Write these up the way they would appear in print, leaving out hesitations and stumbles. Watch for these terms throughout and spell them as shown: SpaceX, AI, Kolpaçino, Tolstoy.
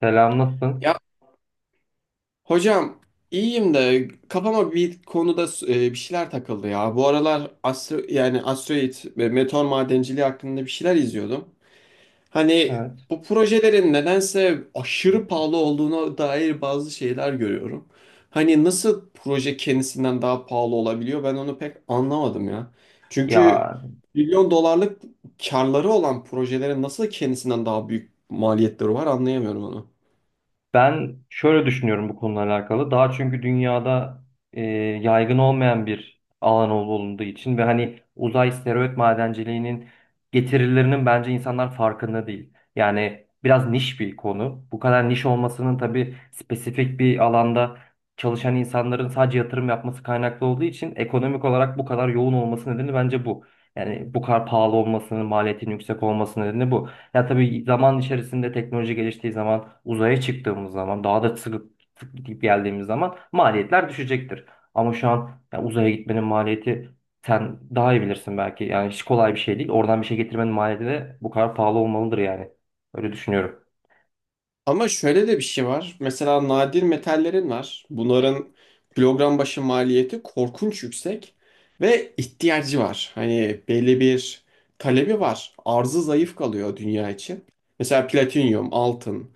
Selam, nasılsın? Ya hocam, iyiyim de kafama bir konuda bir şeyler takıldı ya. Bu aralar astro yani asteroid ve meteor madenciliği hakkında bir şeyler izliyordum. Hani Evet. bu projelerin nedense aşırı pahalı olduğuna dair bazı şeyler görüyorum. Hani nasıl proje kendisinden daha pahalı olabiliyor, ben onu pek anlamadım ya. Çünkü Ya milyon dolarlık karları olan projelerin nasıl kendisinden daha büyük maliyetleri var anlayamıyorum onu. Ben şöyle düşünüyorum bu konuyla alakalı. Daha çünkü dünyada e, yaygın olmayan bir alan olduğu için ve hani uzay steroid madenciliğinin getirilerinin bence insanlar farkında değil. Yani biraz niş bir konu. Bu kadar niş olmasının tabii spesifik bir alanda çalışan insanların sadece yatırım yapması kaynaklı olduğu için ekonomik olarak bu kadar yoğun olması nedeni bence bu. Yani bu kadar pahalı olmasının, maliyetin yüksek olması nedeni bu. Ya tabii zaman içerisinde teknoloji geliştiği zaman, uzaya çıktığımız zaman, daha da sıkıp gidip geldiğimiz zaman maliyetler düşecektir. Ama şu an ya uzaya gitmenin maliyeti sen daha iyi bilirsin belki. Yani hiç kolay bir şey değil. Oradan bir şey getirmenin maliyeti de bu kadar pahalı olmalıdır yani. Öyle düşünüyorum. Ama şöyle de bir şey var. Mesela nadir metallerin var. Bunların kilogram başı maliyeti korkunç yüksek ve ihtiyacı var. Hani belli bir talebi var. Arzı zayıf kalıyor dünya için. Mesela platinyum, altın,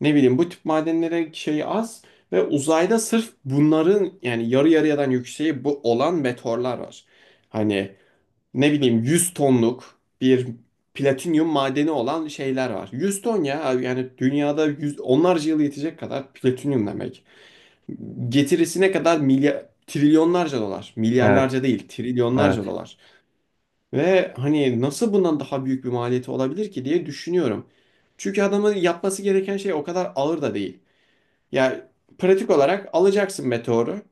ne bileyim bu tip madenlere şey az ve uzayda sırf bunların yani yarı yarıya'dan yükseği bu olan meteorlar var. Hani ne bileyim 100 tonluk bir platinyum madeni olan şeyler var. 100 ton ya abi, yani dünyada yüz, onlarca yıl yetecek kadar platinyum demek. Getirisine kadar milyar trilyonlarca dolar. Milyarlarca Evet, değil, trilyonlarca evet. dolar. Ve hani nasıl bundan daha büyük bir maliyeti olabilir ki diye düşünüyorum. Çünkü adamın yapması gereken şey o kadar ağır da değil. Ya pratik olarak alacaksın meteoru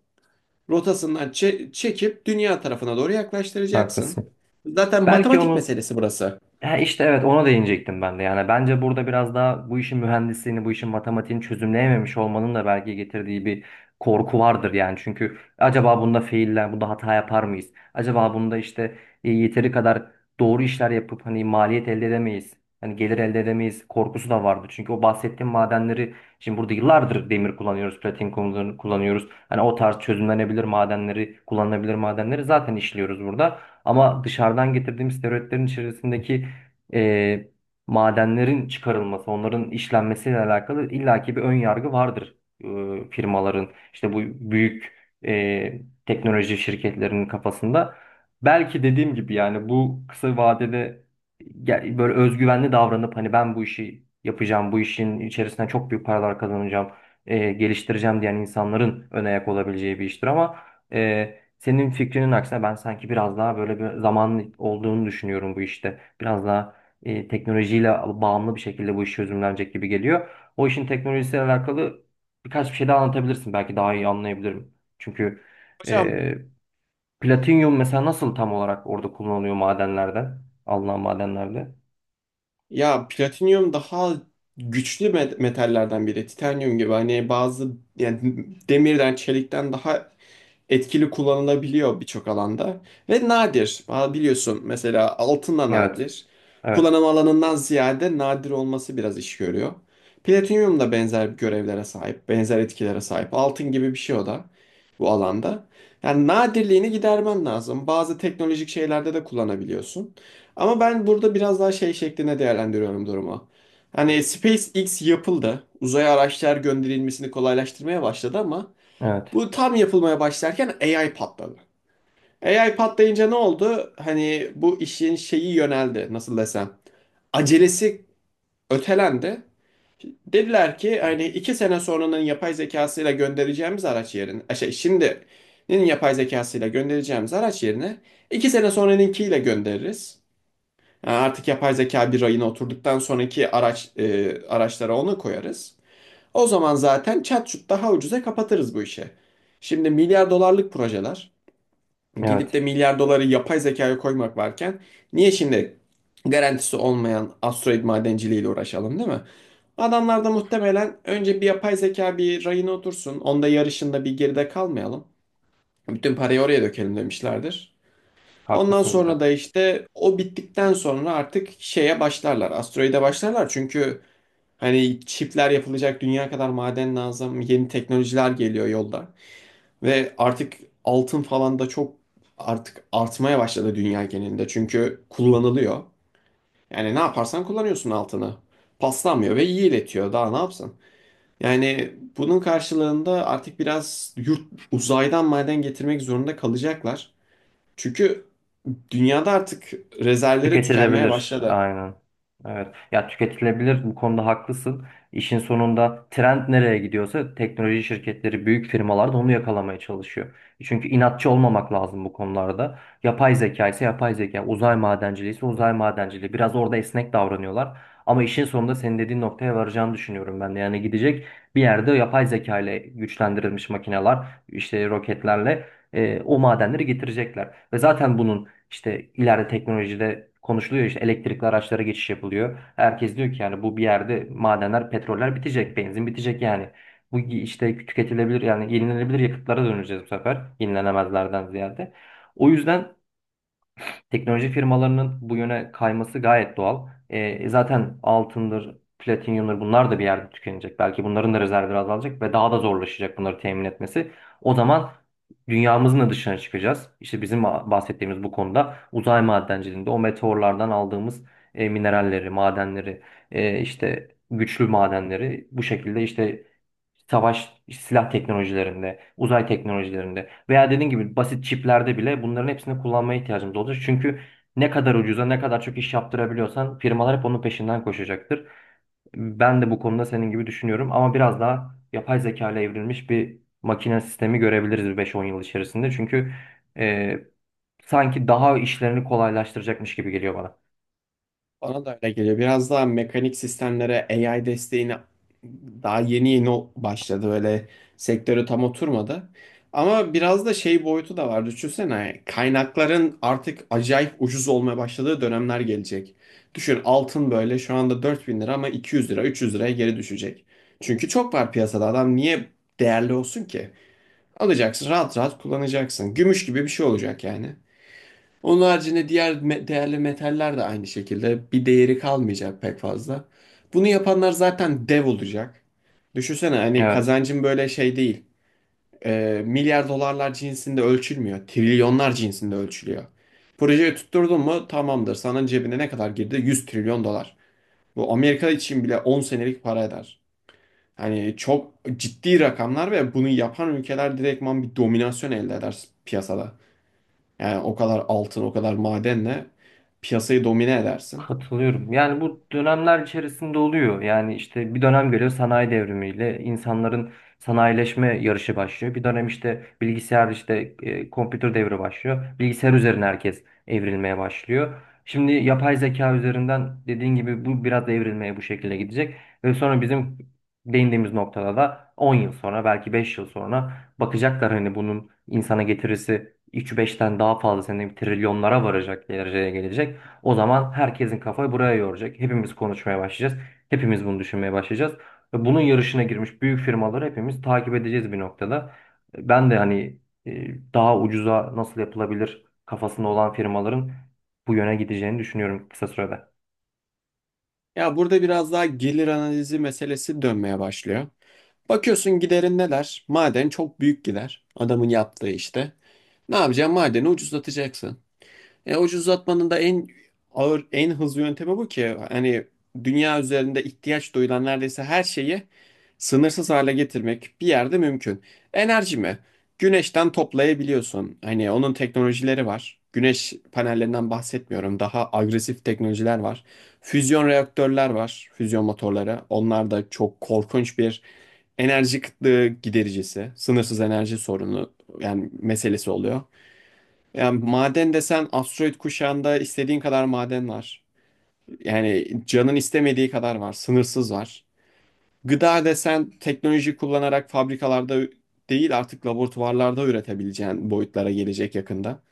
rotasından çekip dünya tarafına doğru yaklaştıracaksın. Haklısın. Zaten Belki matematik onun... meselesi burası. Ya işte evet, ona değinecektim ben de. Yani bence burada biraz daha bu işin mühendisliğini, bu işin matematiğini çözümleyememiş olmanın da belki getirdiği bir korku vardır yani. Çünkü acaba bunda failler, bunda hata yapar mıyız? Acaba bunda işte yeteri kadar doğru işler yapıp hani maliyet elde edemeyiz. Hani gelir elde edemeyiz korkusu da vardı. Çünkü o bahsettiğim madenleri şimdi burada yıllardır demir kullanıyoruz, kullanıyoruz. Hani o tarz çözümlenebilir madenleri, kullanılabilir madenleri zaten işliyoruz burada. Ama dışarıdan getirdiğimiz steroidlerin içerisindeki e, madenlerin çıkarılması, onların işlenmesiyle alakalı illaki bir ön yargı vardır firmaların, işte bu büyük teknoloji şirketlerinin kafasında. Belki dediğim gibi yani bu kısa vadede böyle özgüvenli davranıp hani ben bu işi yapacağım, bu işin içerisinden çok büyük paralar kazanacağım, geliştireceğim diyen insanların ön ayak olabileceği bir iştir ama senin fikrinin aksine ben sanki biraz daha böyle bir zamanın olduğunu düşünüyorum bu işte. Biraz daha teknolojiyle bağımlı bir şekilde bu iş çözümlenecek gibi geliyor. O işin teknolojisiyle alakalı birkaç bir şey daha anlatabilirsin. Belki daha iyi anlayabilirim. Çünkü Hocam, e, platinyum mesela nasıl tam olarak orada kullanılıyor madenlerden? Alınan madenlerde. ya platinyum daha güçlü metallerden biri. Titanyum gibi hani bazı yani demirden, çelikten daha etkili kullanılabiliyor birçok alanda. Ve nadir. Aa, biliyorsun mesela altın da Evet. nadir. Evet. Kullanım alanından ziyade nadir olması biraz iş görüyor. Platinyum da benzer görevlere sahip, benzer etkilere sahip. Altın gibi bir şey o da bu alanda. Yani nadirliğini gidermen lazım. Bazı teknolojik şeylerde de kullanabiliyorsun. Ama ben burada biraz daha şey şeklinde değerlendiriyorum durumu. Hani SpaceX yapıldı. Uzaya araçlar gönderilmesini kolaylaştırmaya başladı ama Evet. bu tam yapılmaya başlarken AI patladı. AI patlayınca ne oldu? Hani bu işin şeyi yöneldi, nasıl desem. Acelesi ötelendi. Dediler ki hani 2 sene sonranın yapay zekasıyla göndereceğimiz araç yerine, şimdinin yapay zekasıyla göndereceğimiz araç yerine 2 sene sonranınkiyle göndeririz. Yani artık yapay zeka bir rayına oturduktan sonraki araç araçlara onu koyarız. O zaman zaten çat daha ucuza kapatırız bu işi. Şimdi milyar dolarlık projeler gidip Evet. de milyar doları yapay zekaya koymak varken niye şimdi garantisi olmayan asteroid madenciliğiyle uğraşalım, değil mi? Adamlar da muhtemelen önce bir yapay zeka bir rayına otursun. Onda yarışında bir geride kalmayalım. Bütün parayı oraya dökelim demişlerdir. Ondan Haklısınız sonra hocam. da işte o bittikten sonra artık şeye başlarlar. Asteroide başlarlar çünkü hani çipler yapılacak, dünya kadar maden lazım. Yeni teknolojiler geliyor yolda. Ve artık altın falan da çok artık artmaya başladı dünya genelinde. Çünkü kullanılıyor. Yani ne yaparsan kullanıyorsun altını. Paslanmıyor ve iyi iletiyor. Daha ne yapsın? Yani bunun karşılığında artık biraz uzaydan maden getirmek zorunda kalacaklar. Çünkü dünyada artık rezervleri tükenmeye Tüketilebilir, başladı. aynen. Evet. Ya, tüketilebilir, bu konuda haklısın. İşin sonunda trend nereye gidiyorsa teknoloji şirketleri, büyük firmalar da onu yakalamaya çalışıyor. Çünkü inatçı olmamak lazım bu konularda. Yapay zeka ise yapay zeka, uzay madenciliği ise uzay madenciliği. Biraz orada esnek davranıyorlar. Ama işin sonunda senin dediğin noktaya varacağını düşünüyorum ben de. Yani gidecek bir yerde yapay zeka ile güçlendirilmiş makineler, işte roketlerle o madenleri getirecekler. Ve zaten bunun işte ileride teknolojide konuşuluyor, işte elektrikli araçlara geçiş yapılıyor. Herkes diyor ki yani bu bir yerde madenler, petroller bitecek, benzin bitecek yani. Bu işte tüketilebilir yani yenilenebilir yakıtlara döneceğiz bu sefer, yenilenemezlerden ziyade. O yüzden teknoloji firmalarının bu yöne kayması gayet doğal. E, zaten altındır, platinyumdur, bunlar da bir yerde tükenecek. Belki bunların da rezervleri azalacak ve daha da zorlaşacak bunları temin etmesi. O zaman dünyamızın da dışına çıkacağız. İşte bizim bahsettiğimiz bu konuda uzay madenciliğinde o meteorlardan aldığımız mineralleri, madenleri, işte güçlü madenleri bu şekilde işte savaş silah teknolojilerinde, uzay teknolojilerinde veya dediğin gibi basit çiplerde bile bunların hepsini kullanmaya ihtiyacımız olacak. Çünkü ne kadar ucuza, ne kadar çok iş yaptırabiliyorsan firmalar hep onun peşinden koşacaktır. Ben de bu konuda senin gibi düşünüyorum, ama biraz daha yapay zeka ile evrilmiş bir makine sistemi görebiliriz bir 5-10 yıl içerisinde. Çünkü e, sanki daha işlerini kolaylaştıracakmış gibi geliyor bana. Bana da öyle geliyor. Biraz daha mekanik sistemlere AI desteğine daha yeni yeni başladı. Böyle sektörü tam oturmadı. Ama biraz da şey boyutu da var. Düşünsene kaynakların artık acayip ucuz olmaya başladığı dönemler gelecek. Düşün, altın böyle şu anda 4.000 lira ama 200 lira, 300 liraya geri düşecek. Çünkü çok var piyasada, adam niye değerli olsun ki? Alacaksın rahat rahat kullanacaksın. Gümüş gibi bir şey olacak yani. Onun haricinde diğer değerli metaller de aynı şekilde bir değeri kalmayacak pek fazla. Bunu yapanlar zaten dev olacak. Düşünsene hani Evet. kazancın böyle şey değil. Milyar dolarlar cinsinde ölçülmüyor. Trilyonlar cinsinde ölçülüyor. Projeyi tutturdun mu tamamdır. Sana cebine ne kadar girdi? 100 trilyon dolar. Bu Amerika için bile 10 senelik para eder. Hani çok ciddi rakamlar ve bunu yapan ülkeler direktman bir dominasyon elde eder piyasada. Yani o kadar altın, o kadar madenle piyasayı domine edersin. Katılıyorum. Yani bu dönemler içerisinde oluyor. Yani işte bir dönem geliyor, sanayi devrimiyle insanların sanayileşme yarışı başlıyor. Bir dönem işte bilgisayar, işte kompütür devri başlıyor. Bilgisayar üzerine herkes evrilmeye başlıyor. Şimdi yapay zeka üzerinden dediğin gibi bu biraz da evrilmeye bu şekilde gidecek. Ve sonra bizim değindiğimiz noktada da 10 yıl sonra, belki 5 yıl sonra bakacaklar hani bunun insana getirisi 3-5'ten daha fazla sene trilyonlara varacak dereceye gelecek. O zaman herkesin kafayı buraya yoracak. Hepimiz konuşmaya başlayacağız. Hepimiz bunu düşünmeye başlayacağız. Ve bunun yarışına girmiş büyük firmaları hepimiz takip edeceğiz bir noktada. Ben de hani daha ucuza nasıl yapılabilir kafasında olan firmaların bu yöne gideceğini düşünüyorum kısa sürede. Ya burada biraz daha gelir analizi meselesi dönmeye başlıyor. Bakıyorsun giderin neler? Maden çok büyük gider. Adamın yaptığı işte. Ne yapacaksın? Madeni ucuzlatacaksın. E, ucuzlatmanın da en ağır, en hızlı yöntemi bu ki hani dünya üzerinde ihtiyaç duyulan neredeyse her şeyi sınırsız hale getirmek bir yerde mümkün. Enerji mi? Güneşten toplayabiliyorsun. Hani onun teknolojileri var. Güneş panellerinden bahsetmiyorum. Daha agresif teknolojiler var. Füzyon reaktörler var. Füzyon motorları. Onlar da çok korkunç bir enerji kıtlığı gidericisi. Sınırsız enerji sorunu yani meselesi oluyor. Yani maden desen asteroid kuşağında istediğin kadar maden var. Yani canın istemediği kadar var. Sınırsız var. Gıda desen teknoloji kullanarak fabrikalarda değil artık laboratuvarlarda üretebileceğin boyutlara gelecek yakında.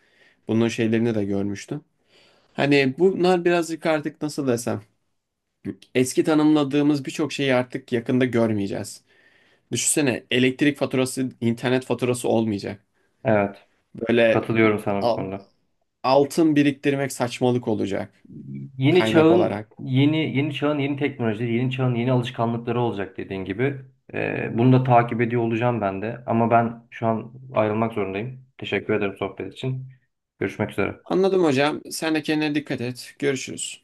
Bunun şeylerini de görmüştüm. Hani bunlar birazcık artık nasıl desem eski tanımladığımız birçok şeyi artık yakında görmeyeceğiz. Düşünsene elektrik faturası, internet faturası olmayacak. Evet, Böyle katılıyorum sana bu a- konuda. altın biriktirmek saçmalık olacak Yeni kaynak çağın olarak. yeni, teknolojileri, yeni çağın yeni alışkanlıkları olacak dediğin gibi. Bunu da takip ediyor olacağım ben de. Ama ben şu an ayrılmak zorundayım. Teşekkür ederim sohbet için. Görüşmek üzere. Anladım hocam. Sen de kendine dikkat et. Görüşürüz.